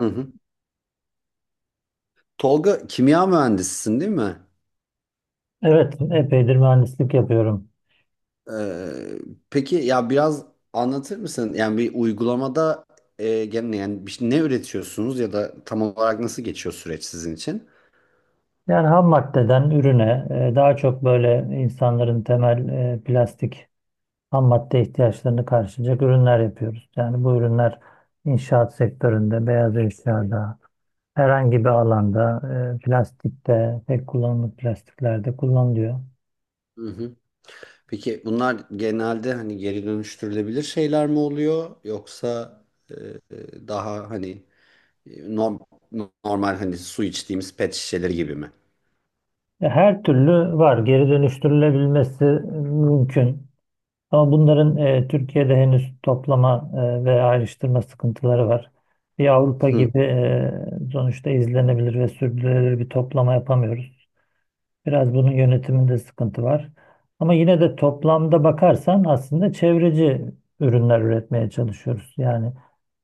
Hı hı. Tolga kimya mühendisisin değil mi? Evet, epeydir mühendislik yapıyorum. Ee, peki ya biraz anlatır mısın? Yani bir uygulamada gene ne üretiyorsunuz ya da tam olarak nasıl geçiyor süreç sizin için? Yani ham maddeden ürüne daha çok böyle insanların temel plastik ham madde ihtiyaçlarını karşılayacak ürünler yapıyoruz. Yani bu ürünler inşaat sektöründe, beyaz eşyada, herhangi bir alanda, plastikte, tek kullanımlık plastiklerde kullanılıyor. Hı hı. Peki bunlar genelde hani geri dönüştürülebilir şeyler mi oluyor yoksa e, daha hani e, norm- normal hani su içtiğimiz pet şişeleri gibi mi? Her türlü var, geri dönüştürülebilmesi mümkün. Ama bunların Türkiye'de henüz toplama ve ayrıştırma sıkıntıları var. Bir Avrupa Hı gibi sonuçta izlenebilir ve sürdürülebilir bir toplama yapamıyoruz. Biraz bunun yönetiminde sıkıntı var. Ama yine de toplamda bakarsan aslında çevreci ürünler üretmeye çalışıyoruz. Yani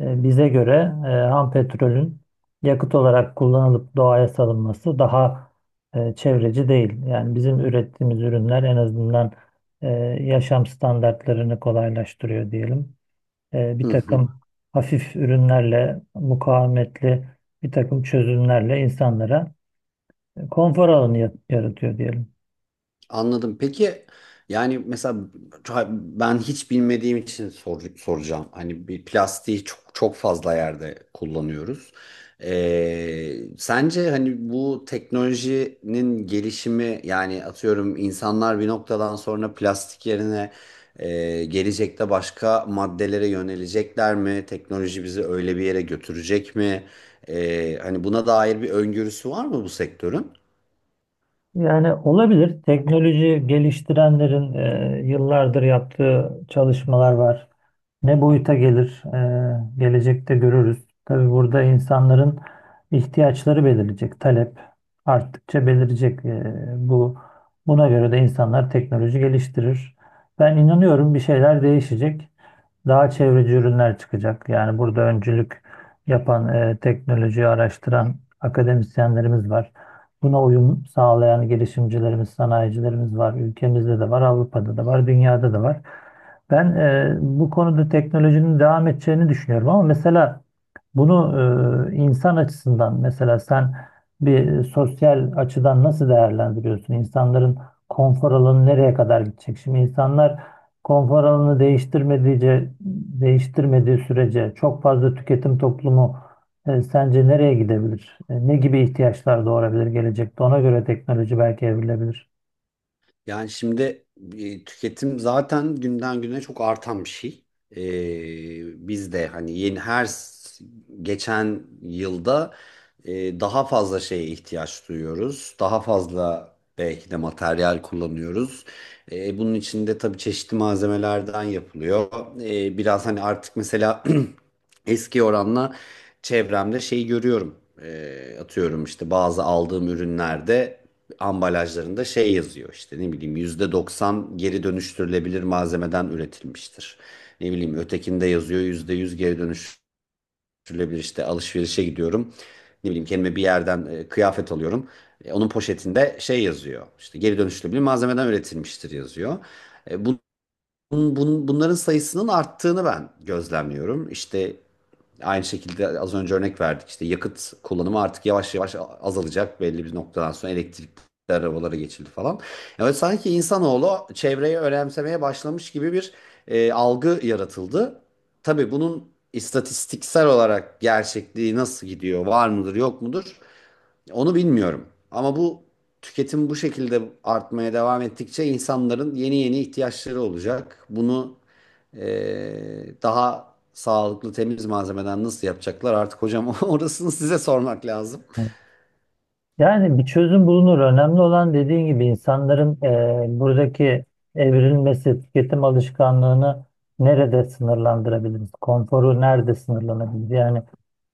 bize göre ham petrolün yakıt olarak kullanılıp doğaya salınması daha çevreci değil. Yani bizim ürettiğimiz ürünler en azından e, yaşam standartlarını kolaylaştırıyor diyelim. Bir hı. takım hafif ürünlerle, mukavemetli bir takım çözümlerle insanlara konfor alanı yaratıyor diyelim. Anladım. Peki yani mesela ben hiç bilmediğim için soracağım. Hani bir plastiği çok çok fazla yerde kullanıyoruz. Sence hani bu teknolojinin gelişimi yani atıyorum insanlar bir noktadan sonra plastik yerine gelecekte başka maddelere yönelecekler mi? Teknoloji bizi öyle bir yere götürecek mi? Hani buna dair bir öngörüsü var mı bu sektörün? Yani olabilir. Teknoloji geliştirenlerin yıllardır yaptığı çalışmalar var. Ne boyuta gelir, gelecekte görürüz. Tabii burada insanların ihtiyaçları belirleyecek. Talep arttıkça belirleyecek. E, bu buna göre de insanlar teknoloji geliştirir. Ben inanıyorum bir şeyler değişecek. Daha çevreci ürünler çıkacak. Yani burada öncülük yapan, teknolojiyi araştıran akademisyenlerimiz var. Buna uyum sağlayan girişimcilerimiz, sanayicilerimiz var. Ülkemizde de var, Avrupa'da da var, dünyada da var. Ben bu konuda teknolojinin devam edeceğini düşünüyorum ama mesela bunu insan açısından mesela sen bir sosyal açıdan nasıl değerlendiriyorsun? İnsanların konfor alanı nereye kadar gidecek? Şimdi insanlar konfor alanını değiştirmediğince, değiştirmediği sürece çok fazla tüketim toplumu sence nereye gidebilir? Ne gibi ihtiyaçlar doğurabilir gelecekte? Ona göre teknoloji belki evrilebilir. Yani şimdi tüketim zaten günden güne çok artan bir şey. Biz de hani geçen yılda daha fazla şeye ihtiyaç duyuyoruz. Daha fazla belki de materyal kullanıyoruz. Bunun içinde tabii çeşitli malzemelerden yapılıyor. Biraz hani artık mesela eski oranla çevremde şey görüyorum. Atıyorum işte bazı aldığım ürünlerde ambalajlarında şey yazıyor işte ne bileyim %90 geri dönüştürülebilir malzemeden üretilmiştir. Ne bileyim ötekinde yazıyor %100 geri dönüştürülebilir işte alışverişe gidiyorum. Ne bileyim kendime bir yerden kıyafet alıyorum. Onun poşetinde şey yazıyor işte geri dönüştürülebilir malzemeden üretilmiştir yazıyor. E, Bunların sayısının arttığını ben gözlemliyorum. İşte aynı şekilde az önce örnek verdik. İşte yakıt kullanımı artık yavaş yavaş azalacak. Belli bir noktadan sonra elektrikli arabalara geçildi falan. Yani sanki insanoğlu çevreyi önemsemeye başlamış gibi bir algı yaratıldı. Tabii bunun istatistiksel olarak gerçekliği nasıl gidiyor, var mıdır, yok mudur? Onu bilmiyorum. Ama bu tüketim bu şekilde artmaya devam ettikçe insanların yeni yeni ihtiyaçları olacak. Bunu daha sağlıklı temiz malzemeden nasıl yapacaklar artık hocam orasını size sormak lazım. Yani bir çözüm bulunur. Önemli olan dediğin gibi insanların buradaki evrilmesi, tüketim alışkanlığını nerede sınırlandırabiliriz? Konforu nerede sınırlanabilir? Yani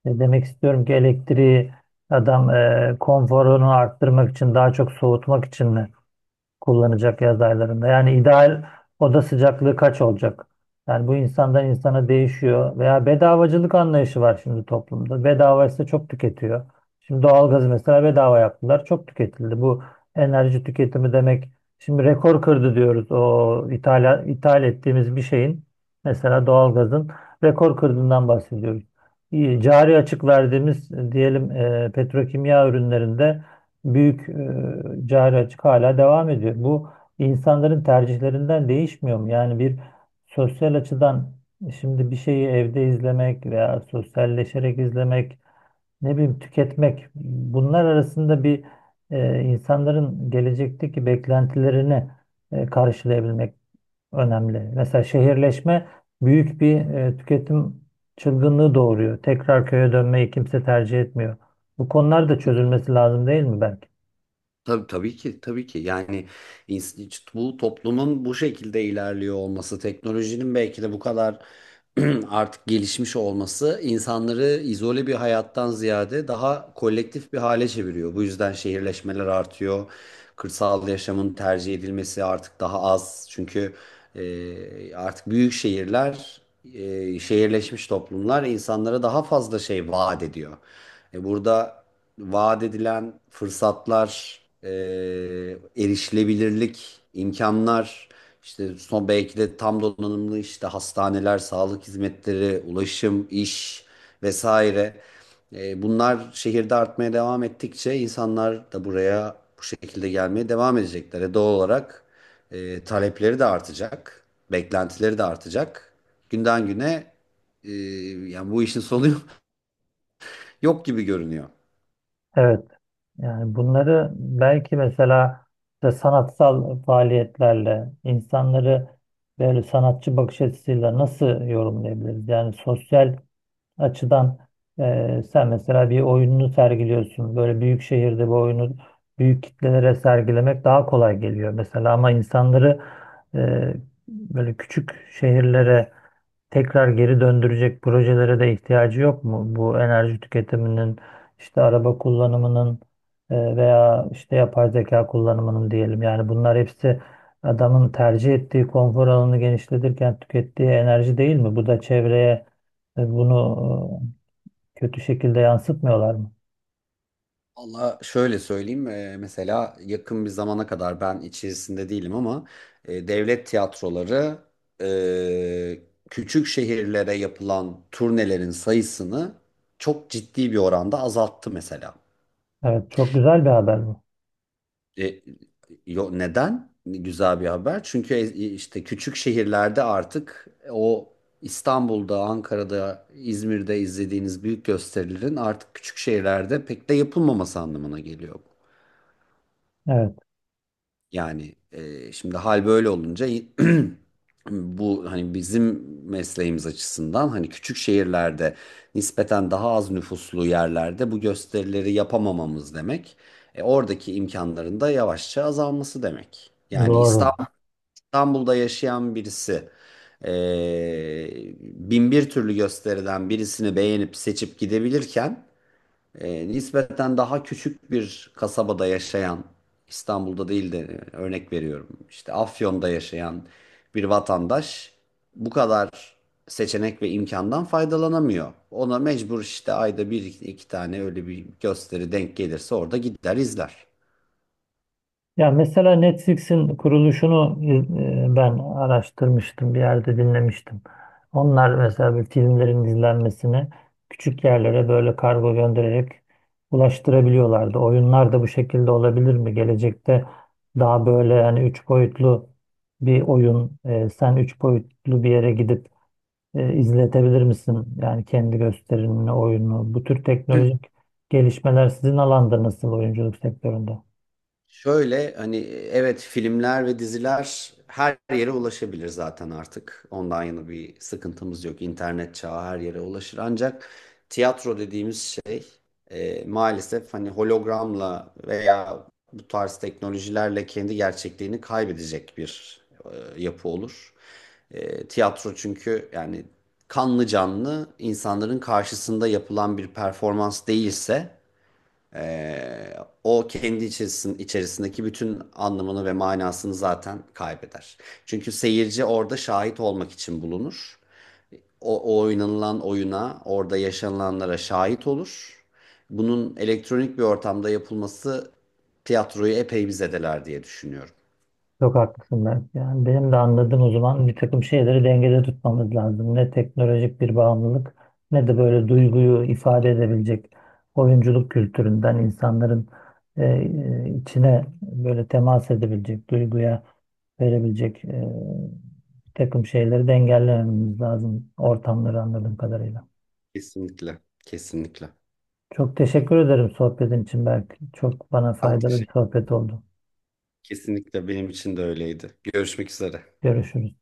demek istiyorum ki elektriği adam konforunu arttırmak için, daha çok soğutmak için mi kullanacak yaz aylarında? Yani ideal oda sıcaklığı kaç olacak? Yani bu insandan insana değişiyor. Veya bedavacılık anlayışı var şimdi toplumda. Bedava ise çok tüketiyor. Şimdi doğalgazı mesela bedava yaptılar. Çok tüketildi. Bu enerji tüketimi demek. Şimdi rekor kırdı diyoruz. O ithal ettiğimiz bir şeyin mesela doğalgazın rekor kırdığından bahsediyoruz. İyi, cari açık verdiğimiz diyelim petrokimya ürünlerinde büyük cari açık hala devam ediyor. Bu insanların tercihlerinden değişmiyor mu? Yani bir sosyal açıdan şimdi bir şeyi evde izlemek veya sosyalleşerek izlemek, ne bileyim tüketmek bunlar arasında bir insanların gelecekteki beklentilerini karşılayabilmek önemli. Mesela şehirleşme büyük bir tüketim çılgınlığı doğuruyor. Tekrar köye dönmeyi kimse tercih etmiyor. Bu konular da çözülmesi lazım değil mi belki? Tabii, tabii ki tabii ki yani bu toplumun bu şekilde ilerliyor olması teknolojinin belki de bu kadar artık gelişmiş olması insanları izole bir hayattan ziyade daha kolektif bir hale çeviriyor. Bu yüzden şehirleşmeler artıyor. Kırsal yaşamın tercih edilmesi artık daha az. Çünkü artık büyük şehirler, şehirleşmiş toplumlar insanlara daha fazla şey vaat ediyor. Burada vaat edilen fırsatlar, erişilebilirlik, imkanlar, işte son belki de tam donanımlı işte hastaneler, sağlık hizmetleri, ulaşım, iş vesaire. Bunlar şehirde artmaya devam ettikçe insanlar da buraya bu şekilde gelmeye devam edecekler. Doğal olarak talepleri de artacak, beklentileri de artacak. Günden güne e, yani bu işin sonu yok gibi görünüyor. Evet, yani bunları belki mesela işte sanatsal faaliyetlerle insanları böyle sanatçı bakış açısıyla nasıl yorumlayabiliriz? Yani sosyal açıdan sen mesela bir oyununu sergiliyorsun. Böyle büyük şehirde bu oyunu büyük kitlelere sergilemek daha kolay geliyor mesela ama insanları e, böyle küçük şehirlere tekrar geri döndürecek projelere de ihtiyacı yok mu? Bu enerji tüketiminin, işte araba kullanımının veya işte yapay zeka kullanımının diyelim. Yani bunlar hepsi adamın tercih ettiği konfor alanını genişletirken tükettiği enerji değil mi? Bu da çevreye e, bunu kötü şekilde yansıtmıyorlar mı? Valla şöyle söyleyeyim, mesela yakın bir zamana kadar ben içerisinde değilim ama devlet tiyatroları, eee, küçük şehirlere yapılan turnelerin sayısını çok ciddi bir oranda azalttı mesela. Evet, çok güzel bir haber bu. E, Neden? Güzel bir haber. Çünkü işte küçük şehirlerde artık o İstanbul'da, Ankara'da, İzmir'de izlediğiniz büyük gösterilerin artık küçük şehirlerde pek de yapılmaması anlamına geliyor bu. Evet, Yani şimdi hal böyle olunca bu hani bizim mesleğimiz açısından hani küçük şehirlerde nispeten daha az nüfuslu yerlerde bu gösterileri yapamamamız demek. Oradaki imkanların da yavaşça azalması demek. Doğru. İstanbul'da yaşayan birisi e, bin bir türlü gösteriden birisini beğenip seçip gidebilirken nispeten daha küçük bir kasabada yaşayan, İstanbul'da değil de örnek veriyorum işte Afyon'da yaşayan bir vatandaş bu kadar seçenek ve imkandan faydalanamıyor. Ona mecbur işte ayda bir iki tane öyle bir gösteri denk gelirse orada gider izler. Ya mesela Netflix'in kuruluşunu ben araştırmıştım, bir yerde dinlemiştim. Onlar mesela bir filmlerin izlenmesini küçük yerlere böyle kargo göndererek ulaştırabiliyorlardı. Oyunlar da bu şekilde olabilir mi? Gelecekte daha böyle yani üç boyutlu bir oyun, sen üç boyutlu bir yere gidip izletebilir misin? Yani kendi gösterimini, oyunu, bu tür teknolojik gelişmeler sizin alanda nasıl oyunculuk sektöründe? Şöyle hani evet filmler ve diziler her yere ulaşabilir zaten artık. Ondan yana bir sıkıntımız yok. İnternet çağı her yere ulaşır. Ancak tiyatro dediğimiz şey maalesef hani hologramla veya bu tarz teknolojilerle kendi gerçekliğini kaybedecek bir yapı olur. Tiyatro çünkü yani kanlı canlı insanların karşısında yapılan bir performans değilse o kendi içerisindeki bütün anlamını ve manasını zaten kaybeder. Çünkü seyirci orada şahit olmak için bulunur. O oynanılan oyuna, orada yaşanılanlara şahit olur. Bunun elektronik bir ortamda yapılması tiyatroyu epey bir zedeler diye düşünüyorum. Çok haklısın ben. Yani benim de anladığım o zaman bir takım şeyleri dengede tutmamız lazım. Ne teknolojik bir bağımlılık ne de böyle duyguyu ifade edebilecek oyunculuk kültüründen insanların içine böyle temas edebilecek, duyguya verebilecek bir takım şeyleri de engellememiz lazım ortamları anladığım kadarıyla. Kesinlikle, kesinlikle. Çok teşekkür ederim sohbetin için Berk. Çok bana Ben faydalı bir teşekkür sohbet oldu. Kesinlikle benim için de öyleydi. Görüşmek üzere. Görüşürüz.